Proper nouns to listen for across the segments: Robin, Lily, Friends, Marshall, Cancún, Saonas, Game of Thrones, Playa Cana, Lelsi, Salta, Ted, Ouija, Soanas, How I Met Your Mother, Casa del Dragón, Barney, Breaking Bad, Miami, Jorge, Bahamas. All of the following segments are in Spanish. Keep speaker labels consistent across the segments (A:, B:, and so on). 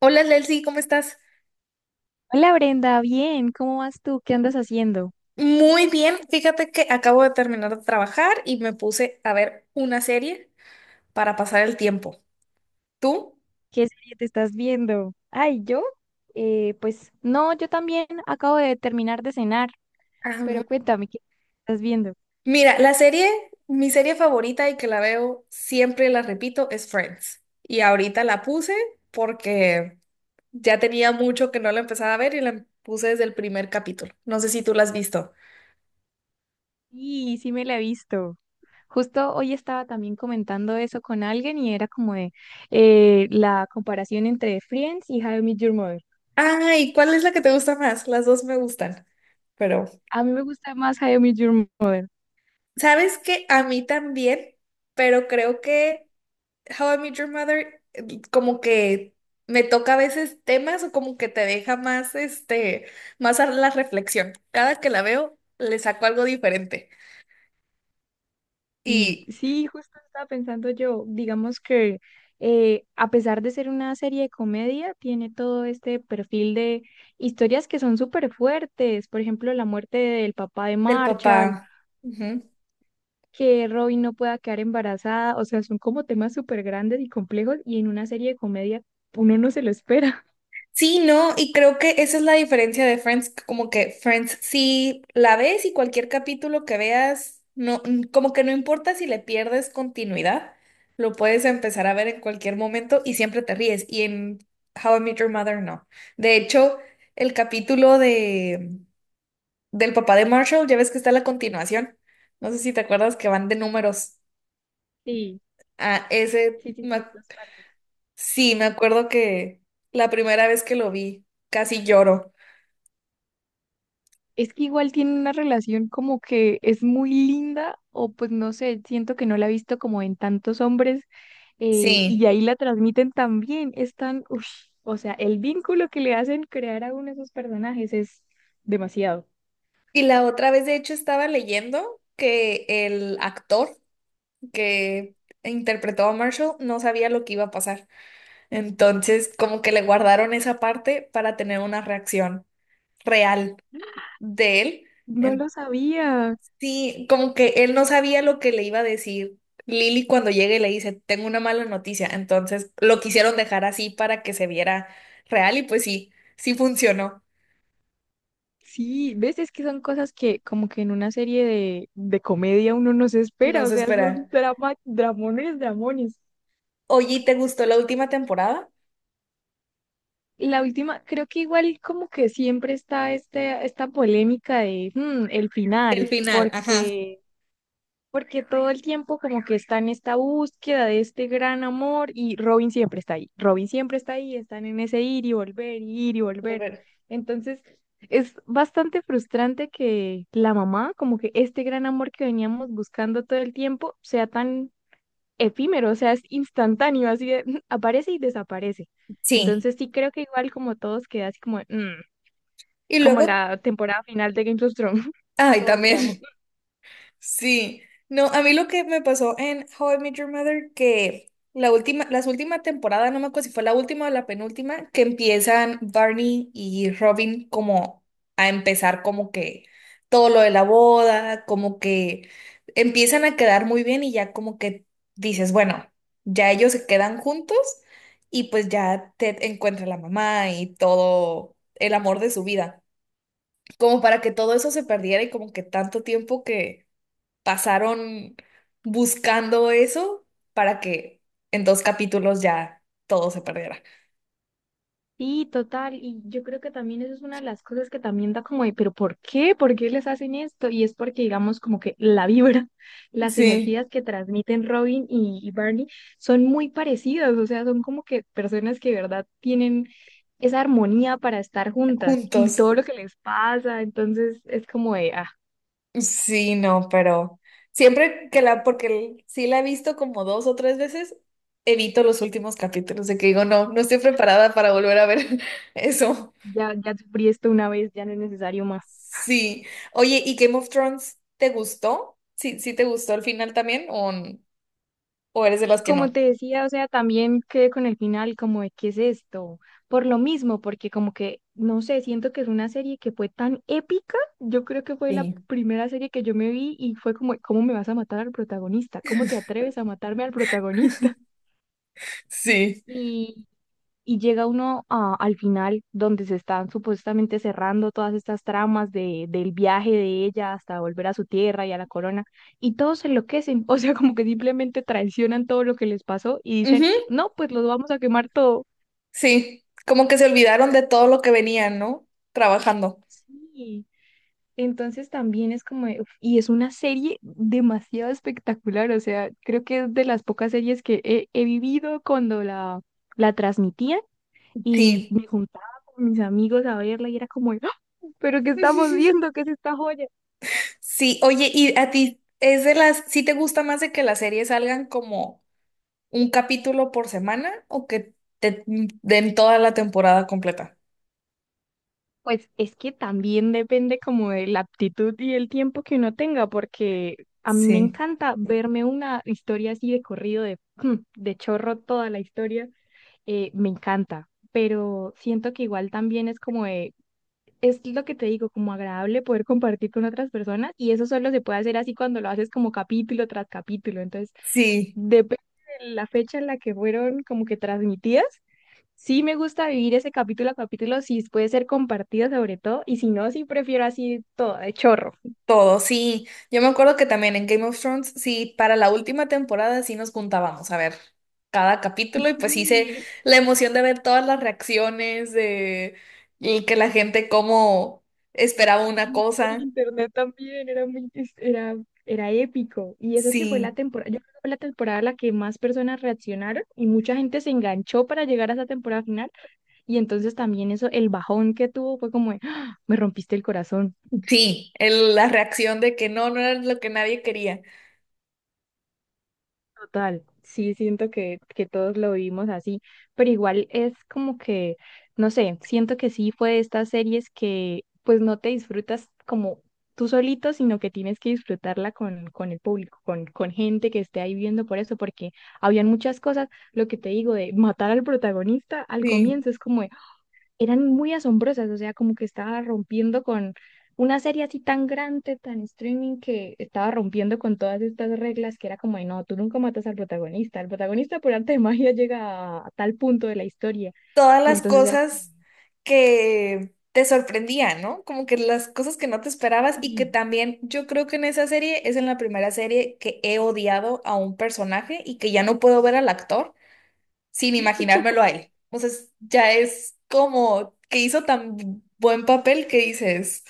A: Hola Lelsi, ¿cómo estás?
B: Hola Brenda, bien, ¿cómo vas tú? ¿Qué andas haciendo?
A: Muy bien, fíjate que acabo de terminar de trabajar y me puse a ver una serie para pasar el tiempo. ¿Tú?
B: ¿Qué serie te estás viendo? Ay, yo, pues no, yo también acabo de terminar de cenar,
A: Ah, mu-
B: pero cuéntame, ¿qué estás viendo?
A: mira, la serie, mi serie favorita y que la veo siempre, la repito, es Friends. Y ahorita la puse porque ya tenía mucho que no la empezaba a ver y la puse desde el primer capítulo. No sé si tú la has visto.
B: Sí, sí me la he visto. Justo hoy estaba también comentando eso con alguien y era como de la comparación entre Friends y How I Met Your Mother.
A: Ay, ¿cuál es la que te gusta más? Las dos me gustan, pero
B: A mí me gusta más How I Met Your Mother.
A: ¿sabes qué? A mí también, pero creo que... How I Met Your Mother, como que me toca a veces temas o como que te deja más, este, más a la reflexión. Cada que la veo, le saco algo diferente.
B: Sí,
A: Y
B: sí, justo estaba pensando yo, digamos que a pesar de ser una serie de comedia, tiene todo este perfil de historias que son súper fuertes, por ejemplo, la muerte del papá de
A: del
B: Marshall,
A: papá.
B: que Robin no pueda quedar embarazada, o sea, son como temas súper grandes y complejos y en una serie de comedia uno no se lo espera.
A: Sí, no, y creo que esa es la diferencia de Friends, como que Friends, si la ves y cualquier capítulo que veas, no, como que no importa si le pierdes continuidad, lo puedes empezar a ver en cualquier momento y siempre te ríes. Y en How I Met Your Mother, no. De hecho, el capítulo de del papá de Marshall, ya ves que está la continuación. No sé si te acuerdas que van de números
B: Sí,
A: a ese.
B: sí, sí, sí, dos partes.
A: Sí, me acuerdo que la primera vez que lo vi, casi lloro.
B: Es que igual tiene una relación como que es muy linda, o pues no sé, siento que no la he visto como en tantos hombres, y
A: Sí.
B: ahí la transmiten también. Es tan, ush, o sea, el vínculo que le hacen crear a uno de esos personajes es demasiado.
A: Y la otra vez, de hecho, estaba leyendo que el actor que interpretó a Marshall no sabía lo que iba a pasar. Entonces, como que le guardaron esa parte para tener una reacción real de él.
B: No lo
A: En-
B: sabía.
A: Sí, como que él no sabía lo que le iba a decir Lily cuando llegue y le dice, tengo una mala noticia. Entonces, lo quisieron dejar así para que se viera real y pues sí, sí funcionó.
B: Sí, ves, es que son cosas que como que en una serie de comedia uno no se
A: No
B: espera, o
A: se
B: sea,
A: espera.
B: son drama, dramones, dramones.
A: Oye, ¿y te gustó la última temporada?
B: La última, creo que igual como que siempre está este, esta polémica de el
A: El
B: final,
A: final, ajá.
B: porque, porque todo el tiempo como que está en esta búsqueda de este gran amor y Robin siempre está ahí, Robin siempre está ahí, están en ese ir y volver, y ir y volver.
A: Volver.
B: Entonces, es bastante frustrante que la mamá, como que este gran amor que veníamos buscando todo el tiempo, sea tan efímero, o sea, es instantáneo, así de, aparece y desaparece.
A: Sí.
B: Entonces sí creo que igual como todos queda así como, "Mm",
A: Y
B: como
A: luego,
B: la temporada final de Game of Thrones,
A: ay,
B: todos quedamos.
A: también, sí. No, a mí lo que me pasó en How I Met Your Mother, que la última, las últimas temporadas, no me acuerdo si fue la última o la penúltima, que empiezan Barney y Robin como a empezar como que todo lo de la boda, como que empiezan a quedar muy bien y ya como que dices, bueno, ya ellos se quedan juntos y pues ya Ted encuentra a la mamá y todo el amor de su vida. Como para que todo eso se perdiera y como que tanto tiempo que pasaron buscando eso para que en dos capítulos ya todo se perdiera.
B: Sí, total, y yo creo que también eso es una de las cosas que también da como de, pero ¿por qué? ¿Por qué les hacen esto? Y es porque, digamos, como que la vibra, las
A: Sí.
B: energías que transmiten Robin y Barney son muy parecidas, o sea, son como que personas que de verdad tienen esa armonía para estar juntas y
A: Juntos.
B: todo lo que les pasa, entonces es como de, ah,
A: Sí, no, pero siempre que la, porque sí la he visto como dos o tres veces, evito los últimos capítulos de que digo, no, no estoy preparada para volver a ver eso.
B: ya, ya sufrí esto una vez, ya no es necesario más.
A: Sí. Oye, ¿y Game of Thrones te gustó? ¿Sí, sí te gustó el final también o eres de las que
B: Como
A: no?
B: te decía, o sea, también quedé con el final como de qué es esto, por lo mismo, porque como que, no sé, siento que es una serie que fue tan épica, yo creo que fue la
A: Sí.
B: primera serie que yo me vi y fue como, ¿cómo me vas a matar al protagonista? ¿Cómo te atreves a matarme al protagonista?
A: Sí.
B: y y llega uno al final donde se están supuestamente cerrando todas estas tramas del viaje de ella hasta volver a su tierra y a la corona, y todos se enloquecen, o sea, como que simplemente traicionan todo lo que les pasó y dicen,
A: Ujú.
B: no, pues los vamos a quemar todo.
A: Sí, como que se olvidaron de todo lo que venían, ¿no? Trabajando.
B: Sí. Entonces también es como, de, uf, y es una serie demasiado espectacular, o sea, creo que es de las pocas series que he vivido cuando la transmitían y
A: Sí.
B: me juntaba con mis amigos a verla y era como, ¡Ah! ¿Pero qué estamos viendo? ¿Qué es esta joya?
A: Sí, oye, ¿y a ti es de las, sí te gusta más de que las series salgan como un capítulo por semana o que te den toda la temporada completa?
B: Pues es que también depende como de la aptitud y el tiempo que uno tenga, porque a mí me
A: Sí,
B: encanta verme una historia así de corrido, de, de chorro toda la historia, me encanta, pero siento que igual también es como de, es lo que te digo, como agradable poder compartir con otras personas y eso solo se puede hacer así cuando lo haces como capítulo tras capítulo, entonces
A: sí.
B: depende de la fecha en la que fueron como que transmitidas. Sí me gusta vivir ese capítulo a capítulo, si puede ser compartido sobre todo, y si no, sí prefiero así todo, de chorro.
A: Todo, sí. Yo me acuerdo que también en Game of Thrones, sí, para la última temporada sí nos juntábamos a ver cada capítulo y pues hice
B: Sí,
A: la emoción de ver todas las reacciones de y que la gente como esperaba una
B: en
A: cosa.
B: internet también era muy, era, era épico. Y eso que fue la
A: Sí,
B: temporada, yo creo que fue la temporada en la que más personas reaccionaron y mucha gente se enganchó para llegar a esa temporada final. Y entonces también eso, el bajón que tuvo fue como, de, "Ah, me rompiste el corazón".
A: sí, la reacción de que no, no era lo que nadie quería.
B: Total, sí, siento que todos lo vivimos así, pero igual es como que, no sé, siento que sí fue de estas series que pues no te disfrutas como tú solito, sino que tienes que disfrutarla con el público, con gente que esté ahí viendo por eso, porque habían muchas cosas, lo que te digo de matar al protagonista al
A: Sí.
B: comienzo es como, eran muy asombrosas, o sea, como que estaba rompiendo con una serie así tan grande, tan streaming, que estaba rompiendo con todas estas reglas que era como, de, no, tú nunca matas al protagonista, el protagonista por arte de magia llega a tal punto de la historia,
A: Todas
B: y
A: las
B: entonces era como,
A: cosas que te sorprendían, ¿no? Como que las cosas que no te esperabas y que
B: sí,
A: también yo creo que en esa serie es en la primera serie que he odiado a un personaje y que ya no puedo ver al actor sin imaginármelo a él. Entonces ya es como que hizo tan buen papel que dices,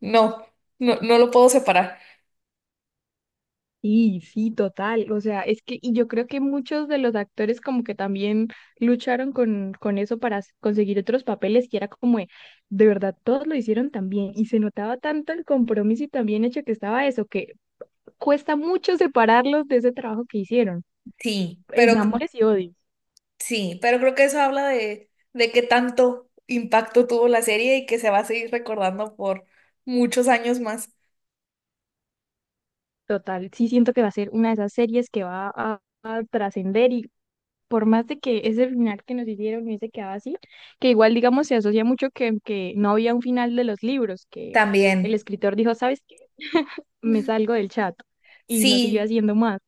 A: no, no, no lo puedo separar.
B: sí, sí, total, o sea, es que, y yo creo que muchos de los actores como que también lucharon con eso para conseguir otros papeles, que era como, de verdad, todos lo hicieron también, y se notaba tanto el compromiso y también hecho que estaba eso, que cuesta mucho separarlos de ese trabajo que hicieron,
A: Sí, pero
B: en amores y odios.
A: sí, pero creo que eso habla de qué tanto impacto tuvo la serie y que se va a seguir recordando por muchos años más.
B: Total, sí siento que va a ser una de esas series que a trascender y por más de que ese final que nos hicieron hubiese quedado así, que igual digamos se asocia mucho que no había un final de los libros, que el
A: También.
B: escritor dijo, ¿sabes qué? Me salgo del chat y no siguió
A: Sí,
B: haciendo más.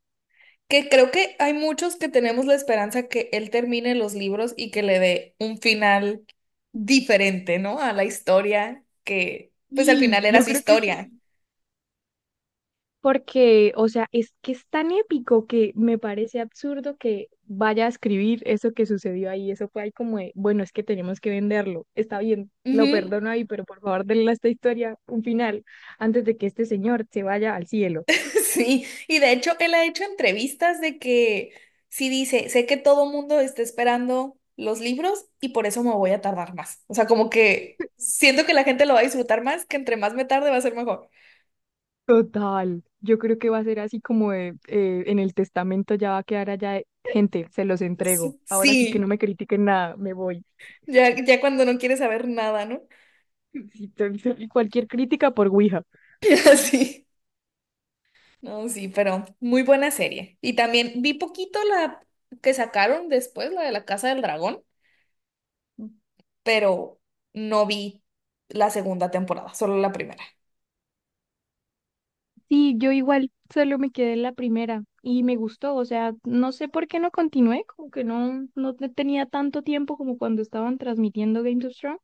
A: que creo que hay muchos que tenemos la esperanza que él termine los libros y que le dé un final diferente, ¿no? A la historia, que pues al
B: Y
A: final era
B: yo
A: su
B: creo que
A: historia.
B: sí, porque, o sea, es que es tan épico que me parece absurdo que vaya a escribir eso que sucedió ahí. Eso fue ahí como de, bueno, es que tenemos que venderlo. Está bien, lo
A: Ujú.
B: perdono ahí, pero por favor denle a esta historia un final antes de que este señor se vaya al cielo.
A: Sí, y de hecho él ha hecho entrevistas de que sí dice, sé que todo mundo está esperando los libros y por eso me voy a tardar más. O sea, como que siento que la gente lo va a disfrutar más, que entre más me tarde va a ser mejor.
B: Total, yo creo que va a ser así como de, en el testamento ya va a quedar allá, de, gente, se los entrego. Ahora sí que no
A: Sí,
B: me critiquen nada, me voy.
A: ya, ya cuando no quiere saber nada, ¿no?
B: Sí, cualquier crítica por Ouija.
A: Así. No, sí, pero muy buena serie. Y también vi poquito la que sacaron después, la de la Casa del Dragón, pero no vi la segunda temporada, solo la primera.
B: Sí, yo igual solo me quedé en la primera y me gustó, o sea, no sé por qué no continué, como que no, tenía tanto tiempo como cuando estaban transmitiendo Games of Thrones,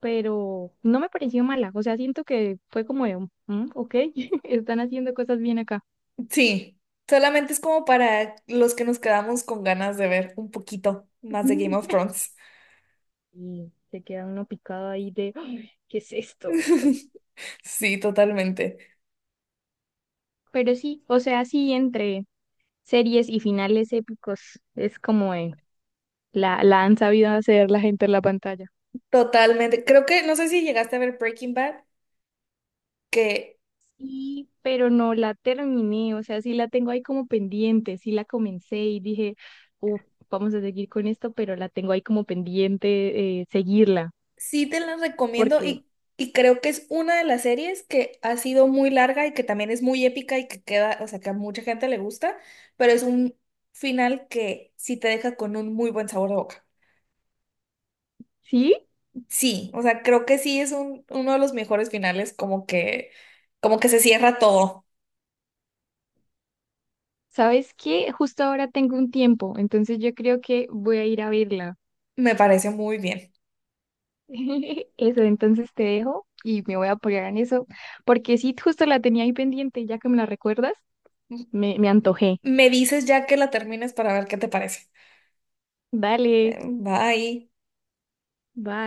B: pero no me pareció mala, o sea, siento que fue como de, "Mm, ok, están haciendo cosas bien acá".
A: Sí, solamente es como para los que nos quedamos con ganas de ver un poquito más de Game of Thrones.
B: Y se queda uno picado ahí de, "Ah, ¿qué es esto?"
A: Sí, totalmente.
B: Pero sí, o sea, sí, entre series y finales épicos, es como la han sabido hacer la gente en la pantalla.
A: Totalmente. Creo que, no sé si llegaste a ver Breaking Bad, que
B: Y, pero no la terminé, o sea, sí la tengo ahí como pendiente, sí la comencé y dije, uff, vamos a seguir con esto, pero la tengo ahí como pendiente seguirla,
A: sí te la recomiendo
B: porque
A: y creo que es una de las series que ha sido muy larga y que también es muy épica y que queda, o sea, que a mucha gente le gusta, pero es un final que sí te deja con un muy buen sabor de boca.
B: sí,
A: Sí, o sea, creo que sí es un, uno de los mejores finales, como que se cierra todo.
B: ¿sabes qué? Justo ahora tengo un tiempo, entonces yo creo que voy a ir a verla.
A: Me parece muy bien.
B: Eso, entonces te dejo y me voy a apoyar en eso, porque sí, justo la tenía ahí pendiente, ya que me la recuerdas,
A: M-
B: me antojé.
A: Me dices ya que la termines para ver qué te parece.
B: Dale,
A: Bye.
B: bye.